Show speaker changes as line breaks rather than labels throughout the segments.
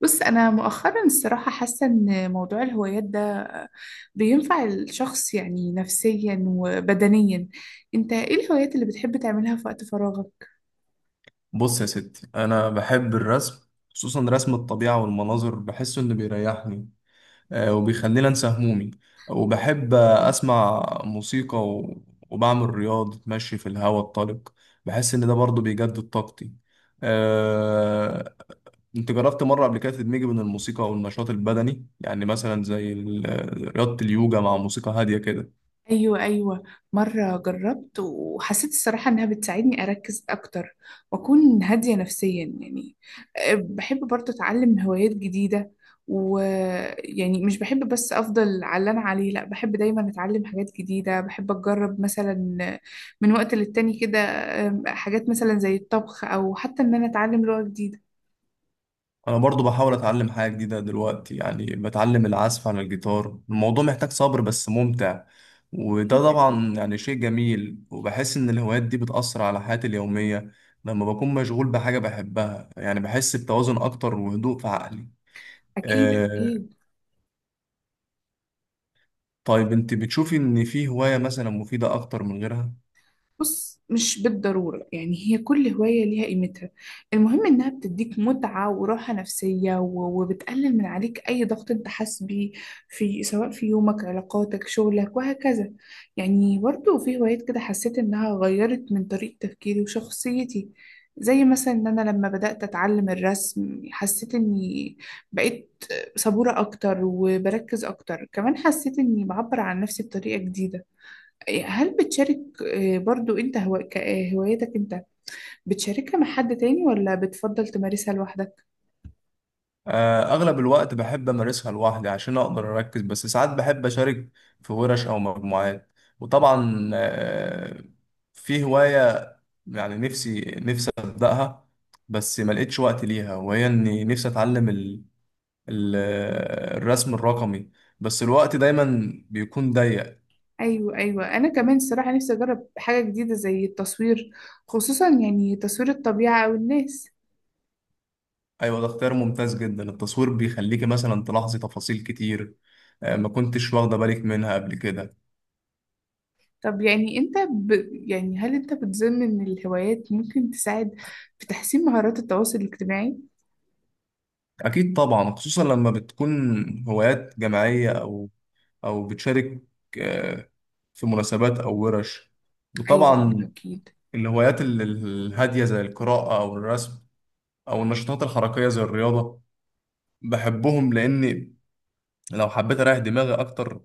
بص أنا مؤخرا الصراحة حاسة إن موضوع الهوايات ده بينفع الشخص، يعني نفسيا وبدنيا. أنت إيه الهوايات اللي بتحب تعملها في وقت فراغك؟
بص يا ستي، انا بحب الرسم، خصوصا رسم الطبيعه والمناظر، بحسه انه بيريحني. وبيخليني انسى همومي، وبحب اسمع موسيقى وبعمل رياضه مشي في الهواء الطلق. بحس ان ده برضه بيجدد طاقتي. آه، انت جربت مره قبل كده تدمجي بين الموسيقى والنشاط البدني، يعني مثلا زي رياضه اليوجا مع موسيقى هاديه كده؟
ايوه، ايوه. مره جربت وحسيت الصراحه انها بتساعدني اركز اكتر، واكون هاديه نفسيا يعني. بحب برضه اتعلم هوايات جديده، ويعني مش بحب بس افضل على اللي انا عليه، لا بحب دايما اتعلم حاجات جديده، بحب اجرب مثلا من وقت للتاني كده. حاجات مثلا زي الطبخ او حتى ان انا اتعلم لغه جديده.
انا برضو بحاول اتعلم حاجه جديده دلوقتي، يعني بتعلم العزف على الجيتار. الموضوع محتاج صبر بس ممتع. وده
اكيد، اكيد.
طبعا يعني شيء جميل، وبحس ان الهوايات دي بتأثر على حياتي اليوميه. لما بكون مشغول بحاجه بحبها، يعني بحس بتوازن اكتر وهدوء في عقلي.
اكيد،
آه.
اكيد.
طيب انت بتشوفي ان في هوايه مثلا مفيده اكتر من غيرها؟
بص، مش بالضرورة، يعني هي كل هواية ليها قيمتها. المهم إنها بتديك متعة وراحة نفسية و- وبتقلل من عليك أي ضغط أنت حاسس بيه في، سواء في يومك، علاقاتك، شغلك، وهكذا. يعني برضو في هوايات كده حسيت إنها غيرت من طريقة تفكيري وشخصيتي، زي مثلا إن أنا لما بدأت أتعلم الرسم حسيت إني بقيت صبورة أكتر وبركز أكتر، كمان حسيت إني بعبر عن نفسي بطريقة جديدة. هل بتشارك آه، برضو انت هو... ك- آه، هوايتك انت بتشاركها مع حد تاني ولا بتفضل تمارسها لوحدك؟
أغلب الوقت بحب أمارسها لوحدي عشان أقدر أركز، بس ساعات بحب أشارك في ورش أو مجموعات. وطبعا في هواية يعني نفسي نفسي أبدأها، بس ما لقيتش وقت ليها، وهي إني نفسي أتعلم ال- الرسم الرقمي، بس الوقت دايما بيكون ضيق.
ايوه، ايوه، انا كمان الصراحة نفسي اجرب حاجة جديدة زي التصوير، خصوصا يعني تصوير الطبيعة او الناس.
أيوة، ده اختيار ممتاز جدا. التصوير بيخليكي مثلا تلاحظي تفاصيل كتير ما كنتش واخدة بالك منها قبل كده.
طب يعني انت يعني هل انت بتظن ان الهوايات ممكن تساعد في تحسين مهارات التواصل الاجتماعي؟
أكيد طبعا، خصوصا لما بتكون هوايات جماعية أو بتشارك آه، في مناسبات أو ورش.
ايوه،
وطبعا
اكيد.
الهوايات الهادية زي القراءة أو الرسم، أو النشاطات الحركية زي الرياضة، بحبهم لأني لو حبيت أريح دماغي أكتر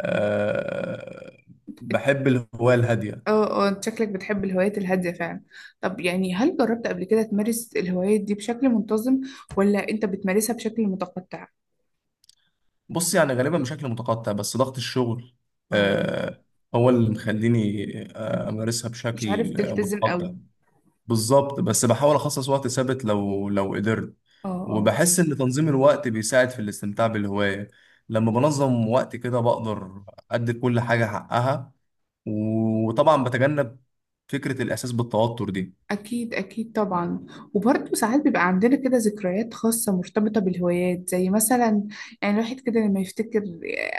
آه، بحب الهواية الهادية.
اه، اه، انت شكلك بتحب الهوايات الهادية فعلا. طب يعني هل جربت قبل كده تمارس الهوايات دي بشكل منتظم، ولا انت بتمارسها بشكل متقطع؟
بص، يعني غالبا بشكل متقطع، بس ضغط الشغل
اه.
آه، هو اللي مخليني أمارسها
مش عارف
بشكل
تلتزم
متقطع.
قوي.
بالظبط، بس بحاول اخصص وقت ثابت لو قدرت.
اه، اه.
وبحس ان تنظيم الوقت بيساعد في الاستمتاع بالهواية. لما بنظم وقت كده بقدر ادي كل حاجة حقها، وطبعا بتجنب فكرة الاحساس بالتوتر دي.
أكيد، أكيد طبعا. وبرضه ساعات بيبقى عندنا كده ذكريات خاصة مرتبطة بالهوايات، زي مثلا يعني الواحد كده لما يفتكر،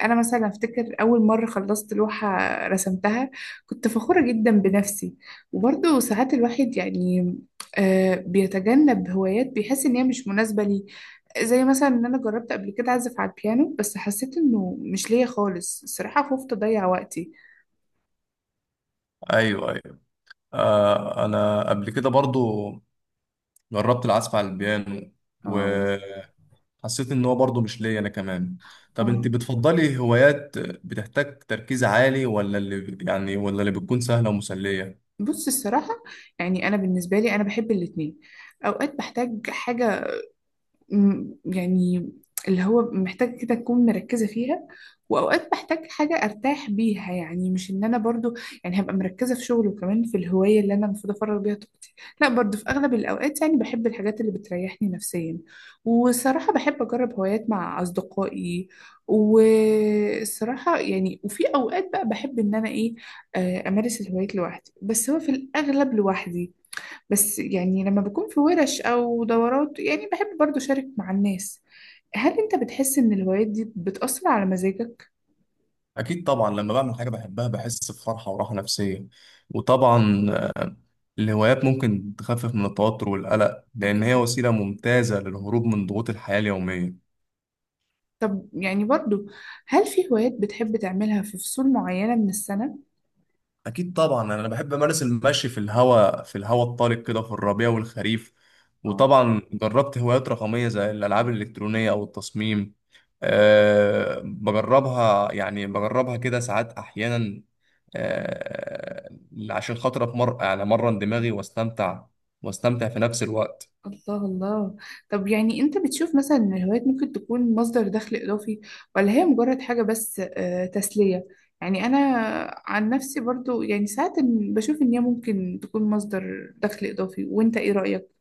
أنا مثلا أفتكر أول مرة خلصت لوحة رسمتها، كنت فخورة جدا بنفسي. وبرضه ساعات الواحد يعني بيتجنب هوايات بيحس إن هي مش مناسبة ليه، زي مثلا إن أنا جربت قبل كده أعزف على البيانو بس حسيت إنه مش ليا خالص، الصراحة خفت أضيع وقتي.
ايوه، ايوه. آه، انا قبل كده برضو جربت العزف على البيانو،
اه،
وحسيت ان هو برضو مش ليا انا كمان. طب
اه.
انت بتفضلي هوايات بتحتاج تركيز عالي، ولا اللي بتكون سهلة ومسلية؟
بص الصراحة، يعني أنا بالنسبة لي أنا بحب الاتنين. أوقات بحتاج حاجة يعني اللي هو محتاج كده أكون مركزة فيها، وأوقات بحتاج حاجة أرتاح بيها، يعني مش إن أنا برضو يعني هبقى مركزة في شغل وكمان في الهواية اللي أنا المفروض أفرغ بيها طاقتي. لا، برضو في أغلب الأوقات يعني بحب الحاجات اللي بتريحني نفسيا، والصراحة بحب أجرب هوايات مع أصدقائي. والصراحة يعني وفي أوقات بقى بحب إن أنا إيه، أمارس الهوايات لوحدي، بس هو في الأغلب لوحدي. بس يعني لما بكون في ورش أو دورات يعني بحب برضو أشارك مع الناس. هل أنت بتحس إن الهوايات دي بتأثر على مزاجك؟
أكيد طبعا، لما بعمل حاجة بحبها بحس بفرحة وراحة نفسية. وطبعا الهوايات ممكن تخفف من التوتر والقلق، لأن هي
أكيد.
وسيلة ممتازة للهروب من ضغوط الحياة اليومية.
طب يعني برضو، هل في هوايات بتحب تعملها في فصول معينة من السنة؟
أكيد طبعا، أنا بحب أمارس المشي في الهواء الطلق كده في الربيع والخريف.
اه.
وطبعا جربت هوايات رقمية زي الألعاب الإلكترونية أو التصميم. بجربها كده ساعات أحيانا، آه، عشان خاطر اتمر يعني امرن دماغي، واستمتع في نفس الوقت.
الله، الله. طب يعني أنت بتشوف مثلا إن الهوايات ممكن تكون مصدر دخل إضافي، ولا هي مجرد حاجة بس تسلية؟ يعني أنا عن نفسي برضو يعني ساعات بشوف إن هي ممكن تكون مصدر دخل إضافي، وأنت إيه رأيك؟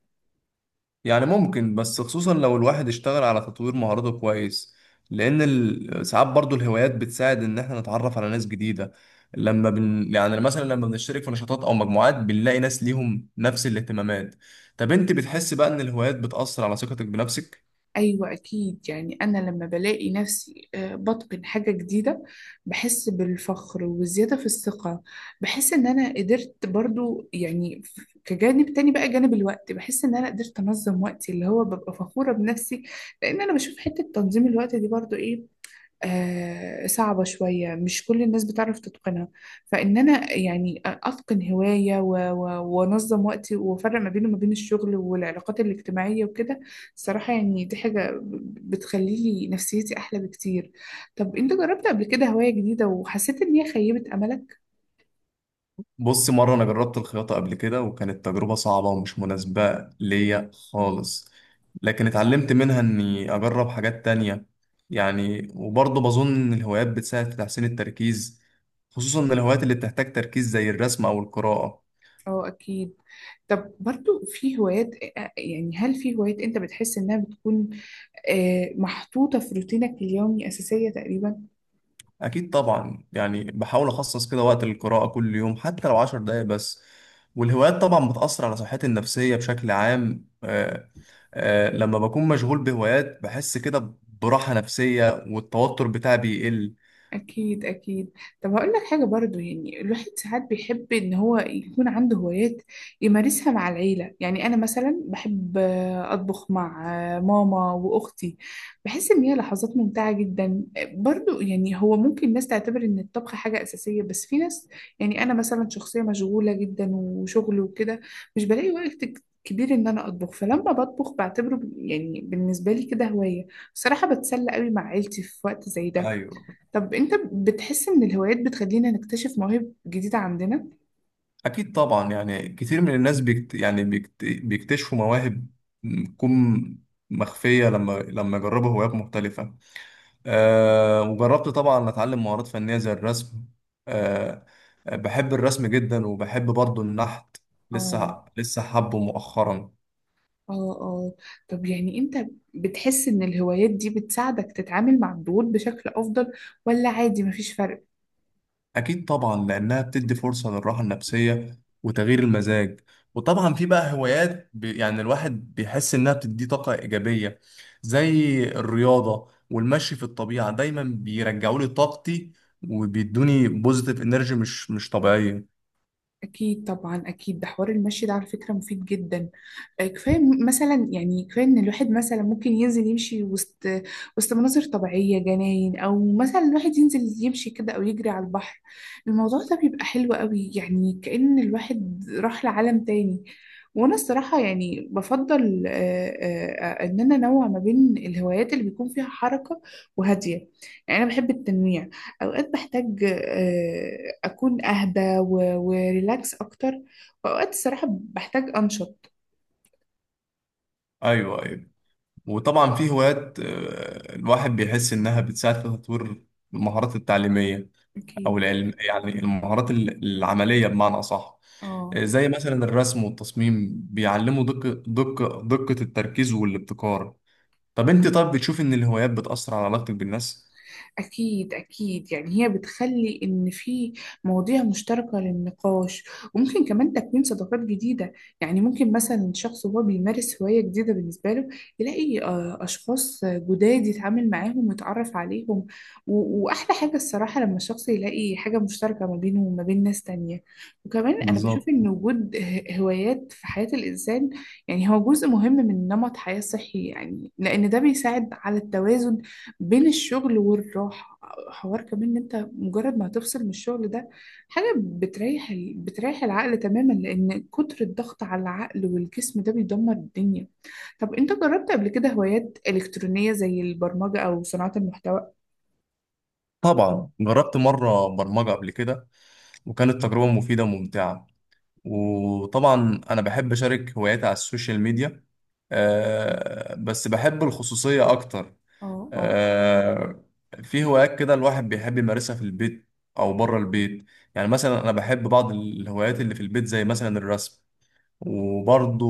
يعني ممكن، بس خصوصا لو الواحد اشتغل على تطوير مهاراته كويس. لان ساعات برضو الهوايات بتساعد ان احنا نتعرف على ناس جديدة. لما بن يعني مثلا لما بنشترك في نشاطات او مجموعات بنلاقي ناس ليهم نفس الاهتمامات. طب انت بتحس بقى ان الهوايات بتأثر على ثقتك بنفسك؟
أيوة، أكيد. يعني أنا لما بلاقي نفسي بتقن حاجة جديدة بحس بالفخر والزيادة في الثقة. بحس إن أنا قدرت برضو، يعني كجانب تاني بقى، جانب الوقت، بحس إن أنا قدرت أنظم وقتي اللي هو ببقى فخورة بنفسي. لأن أنا بشوف حتة تنظيم الوقت دي برضو إيه، صعبة شوية، مش كل الناس بتعرف تتقنها. فإن أنا يعني أتقن هواية و- و- وأنظم وقتي وأفرق ما بينه وما بين الشغل والعلاقات الاجتماعية وكده، الصراحة يعني دي حاجة بتخليلي نفسيتي أحلى بكتير. طب أنت جربت قبل كده هواية جديدة وحسيت إن هي خيبت أملك؟
بص، مرة أنا جربت الخياطة قبل كده، وكانت تجربة صعبة ومش مناسبة ليا
آه.
خالص. لكن اتعلمت منها إني أجرب حاجات تانية. يعني وبرضه بظن إن الهوايات بتساعد في تحسين التركيز، خصوصا إن الهوايات اللي بتحتاج تركيز زي الرسم أو القراءة.
اه، اكيد. طب برضو، في هوايات يعني هل في هوايات انت بتحس انها بتكون محطوطة في روتينك اليومي، اساسية تقريبا.
أكيد طبعا، يعني بحاول أخصص كده وقت للقراءة كل يوم، حتى لو 10 دقايق بس. والهوايات طبعا بتأثر على صحتي النفسية بشكل عام. لما بكون مشغول بهوايات بحس كده براحة نفسية، والتوتر بتاعي بيقل.
أكيد، أكيد. طب هقول لك حاجة برضو، يعني الواحد ساعات بيحب إن هو يكون عنده هوايات يمارسها مع العيلة، يعني أنا مثلا بحب أطبخ مع ماما وأختي، بحس إن هي لحظات ممتعة جدا. برضو يعني هو ممكن ناس تعتبر إن الطبخ حاجة أساسية، بس في ناس، يعني أنا مثلا شخصية مشغولة جدا وشغل وكده، مش بلاقي وقت كبير إن أنا أطبخ، فلما بطبخ بعتبره يعني بالنسبة لي كده هواية، بصراحة بتسلى قوي مع عيلتي في وقت زي ده.
أيوه.
طب انت بتحس ان الهوايات بتخلينا نكتشف مواهب جديدة عندنا؟
أكيد طبعا، يعني كتير من الناس بيكتشفوا مواهب بتكون مخفية، لما يجربوا هوايات مختلفة. أه. وجربت طبعا أتعلم مهارات فنية زي الرسم. أه. بحب الرسم جدا، وبحب برضو النحت.
اه،
لسه لسه حبه مؤخرا.
اه، اه. طب يعني انت بتحس ان الهوايات دي بتساعدك تتعامل مع الضغوط بشكل افضل، ولا عادي مفيش فرق؟
أكيد طبعا، لأنها بتدي فرصة للراحة النفسية وتغيير المزاج. وطبعا في بقى هوايات يعني الواحد بيحس إنها بتديه طاقة إيجابية، زي الرياضة والمشي في الطبيعة، دايما بيرجعوا لي طاقتي. وبيدوني بوزيتيف انرجي مش طبيعية.
أكيد طبعا. أكيد ده حوار المشي ده، على فكرة مفيد جدا. كفاية مثلا، يعني كفاية إن الواحد مثلا ممكن ينزل يمشي وسط مناظر طبيعية، جناين، أو مثلا الواحد ينزل يمشي كده أو يجري على البحر. الموضوع ده بيبقى حلو قوي، يعني كأن الواحد راح لعالم تاني. وأنا الصراحة يعني بفضل إن أنا أنوع ما بين الهوايات اللي بيكون فيها حركة وهادية، يعني أنا بحب التنويع. أوقات بحتاج أكون أهدى و- وريلاكس أكتر، وأوقات الصراحة بحتاج أنشط.
ايوه، ايوه. وطبعا في هوايات الواحد بيحس إنها بتساعد في تطوير المهارات التعليمية. أو
أكيد.
العلم، يعني المهارات العملية بمعنى أصح.
اه.
زي مثلا الرسم والتصميم بيعلموا دقة التركيز والابتكار. طب أنت بتشوف إن الهوايات بتأثر على علاقتك بالناس؟
أكيد، أكيد. يعني هي بتخلي إن في مواضيع مشتركة للنقاش، وممكن كمان تكوين صداقات جديدة، يعني ممكن مثلا شخص هو بيمارس هواية جديدة بالنسبة له يلاقي أشخاص جداد يتعامل معاهم ويتعرف عليهم. و- وأحلى حاجة الصراحة لما الشخص يلاقي حاجة مشتركة ما بينه وما بين ناس تانية. وكمان أنا بشوف
بالظبط.
إن وجود هوايات في حياة الإنسان يعني هو جزء مهم من نمط حياة صحي، يعني لأن ده بيساعد على التوازن بين الشغل والراحة. حوار كمان، ان انت مجرد ما هتفصل من الشغل ده، حاجة بتريح بتريح العقل تماما، لان كتر الضغط على العقل والجسم ده بيدمر الدنيا. طب انت جربت قبل كده هوايات إلكترونية زي البرمجة او صناعة المحتوى؟
طبعا جربت مرة برمجة قبل كده، وكانت تجربة مفيدة وممتعة. وطبعا أنا بحب أشارك هواياتي على السوشيال ميديا، بس بحب الخصوصية أكتر.
اه، اه،
آه، في هوايات كده الواحد بيحب يمارسها في البيت او بره البيت. يعني مثلا انا بحب بعض الهوايات اللي في البيت زي مثلا الرسم، وبرضو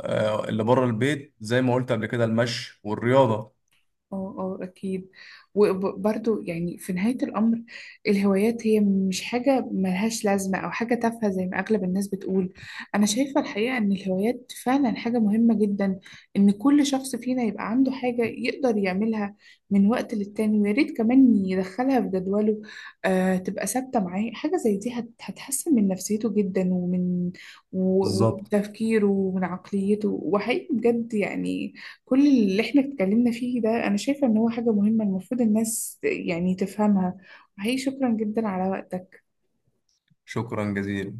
اللي بره البيت زي ما قلت قبل كده المشي والرياضة.
اه، اه، اكيد. وبرضو يعني في نهاية الامر الهوايات هي مش حاجة ملهاش لازمة او حاجة تافهة زي ما اغلب الناس بتقول. انا شايفة الحقيقة ان الهوايات فعلا حاجة مهمة جدا، ان كل شخص فينا يبقى عنده حاجة يقدر يعملها من وقت للتاني، ويا ريت كمان يدخلها في جدوله تبقى ثابتة معاه. حاجة زي دي هتحسن من نفسيته جدا، ومن و- ومن
بالظبط.
تفكيره ومن عقليته، وحقيقي بجد يعني كل اللي احنا اتكلمنا فيه ده انا شايفة ان هو حاجة مهمة المفروض الناس يعني تفهمها. وحقيقي شكرا جدا على وقتك.
شكرا جزيلا.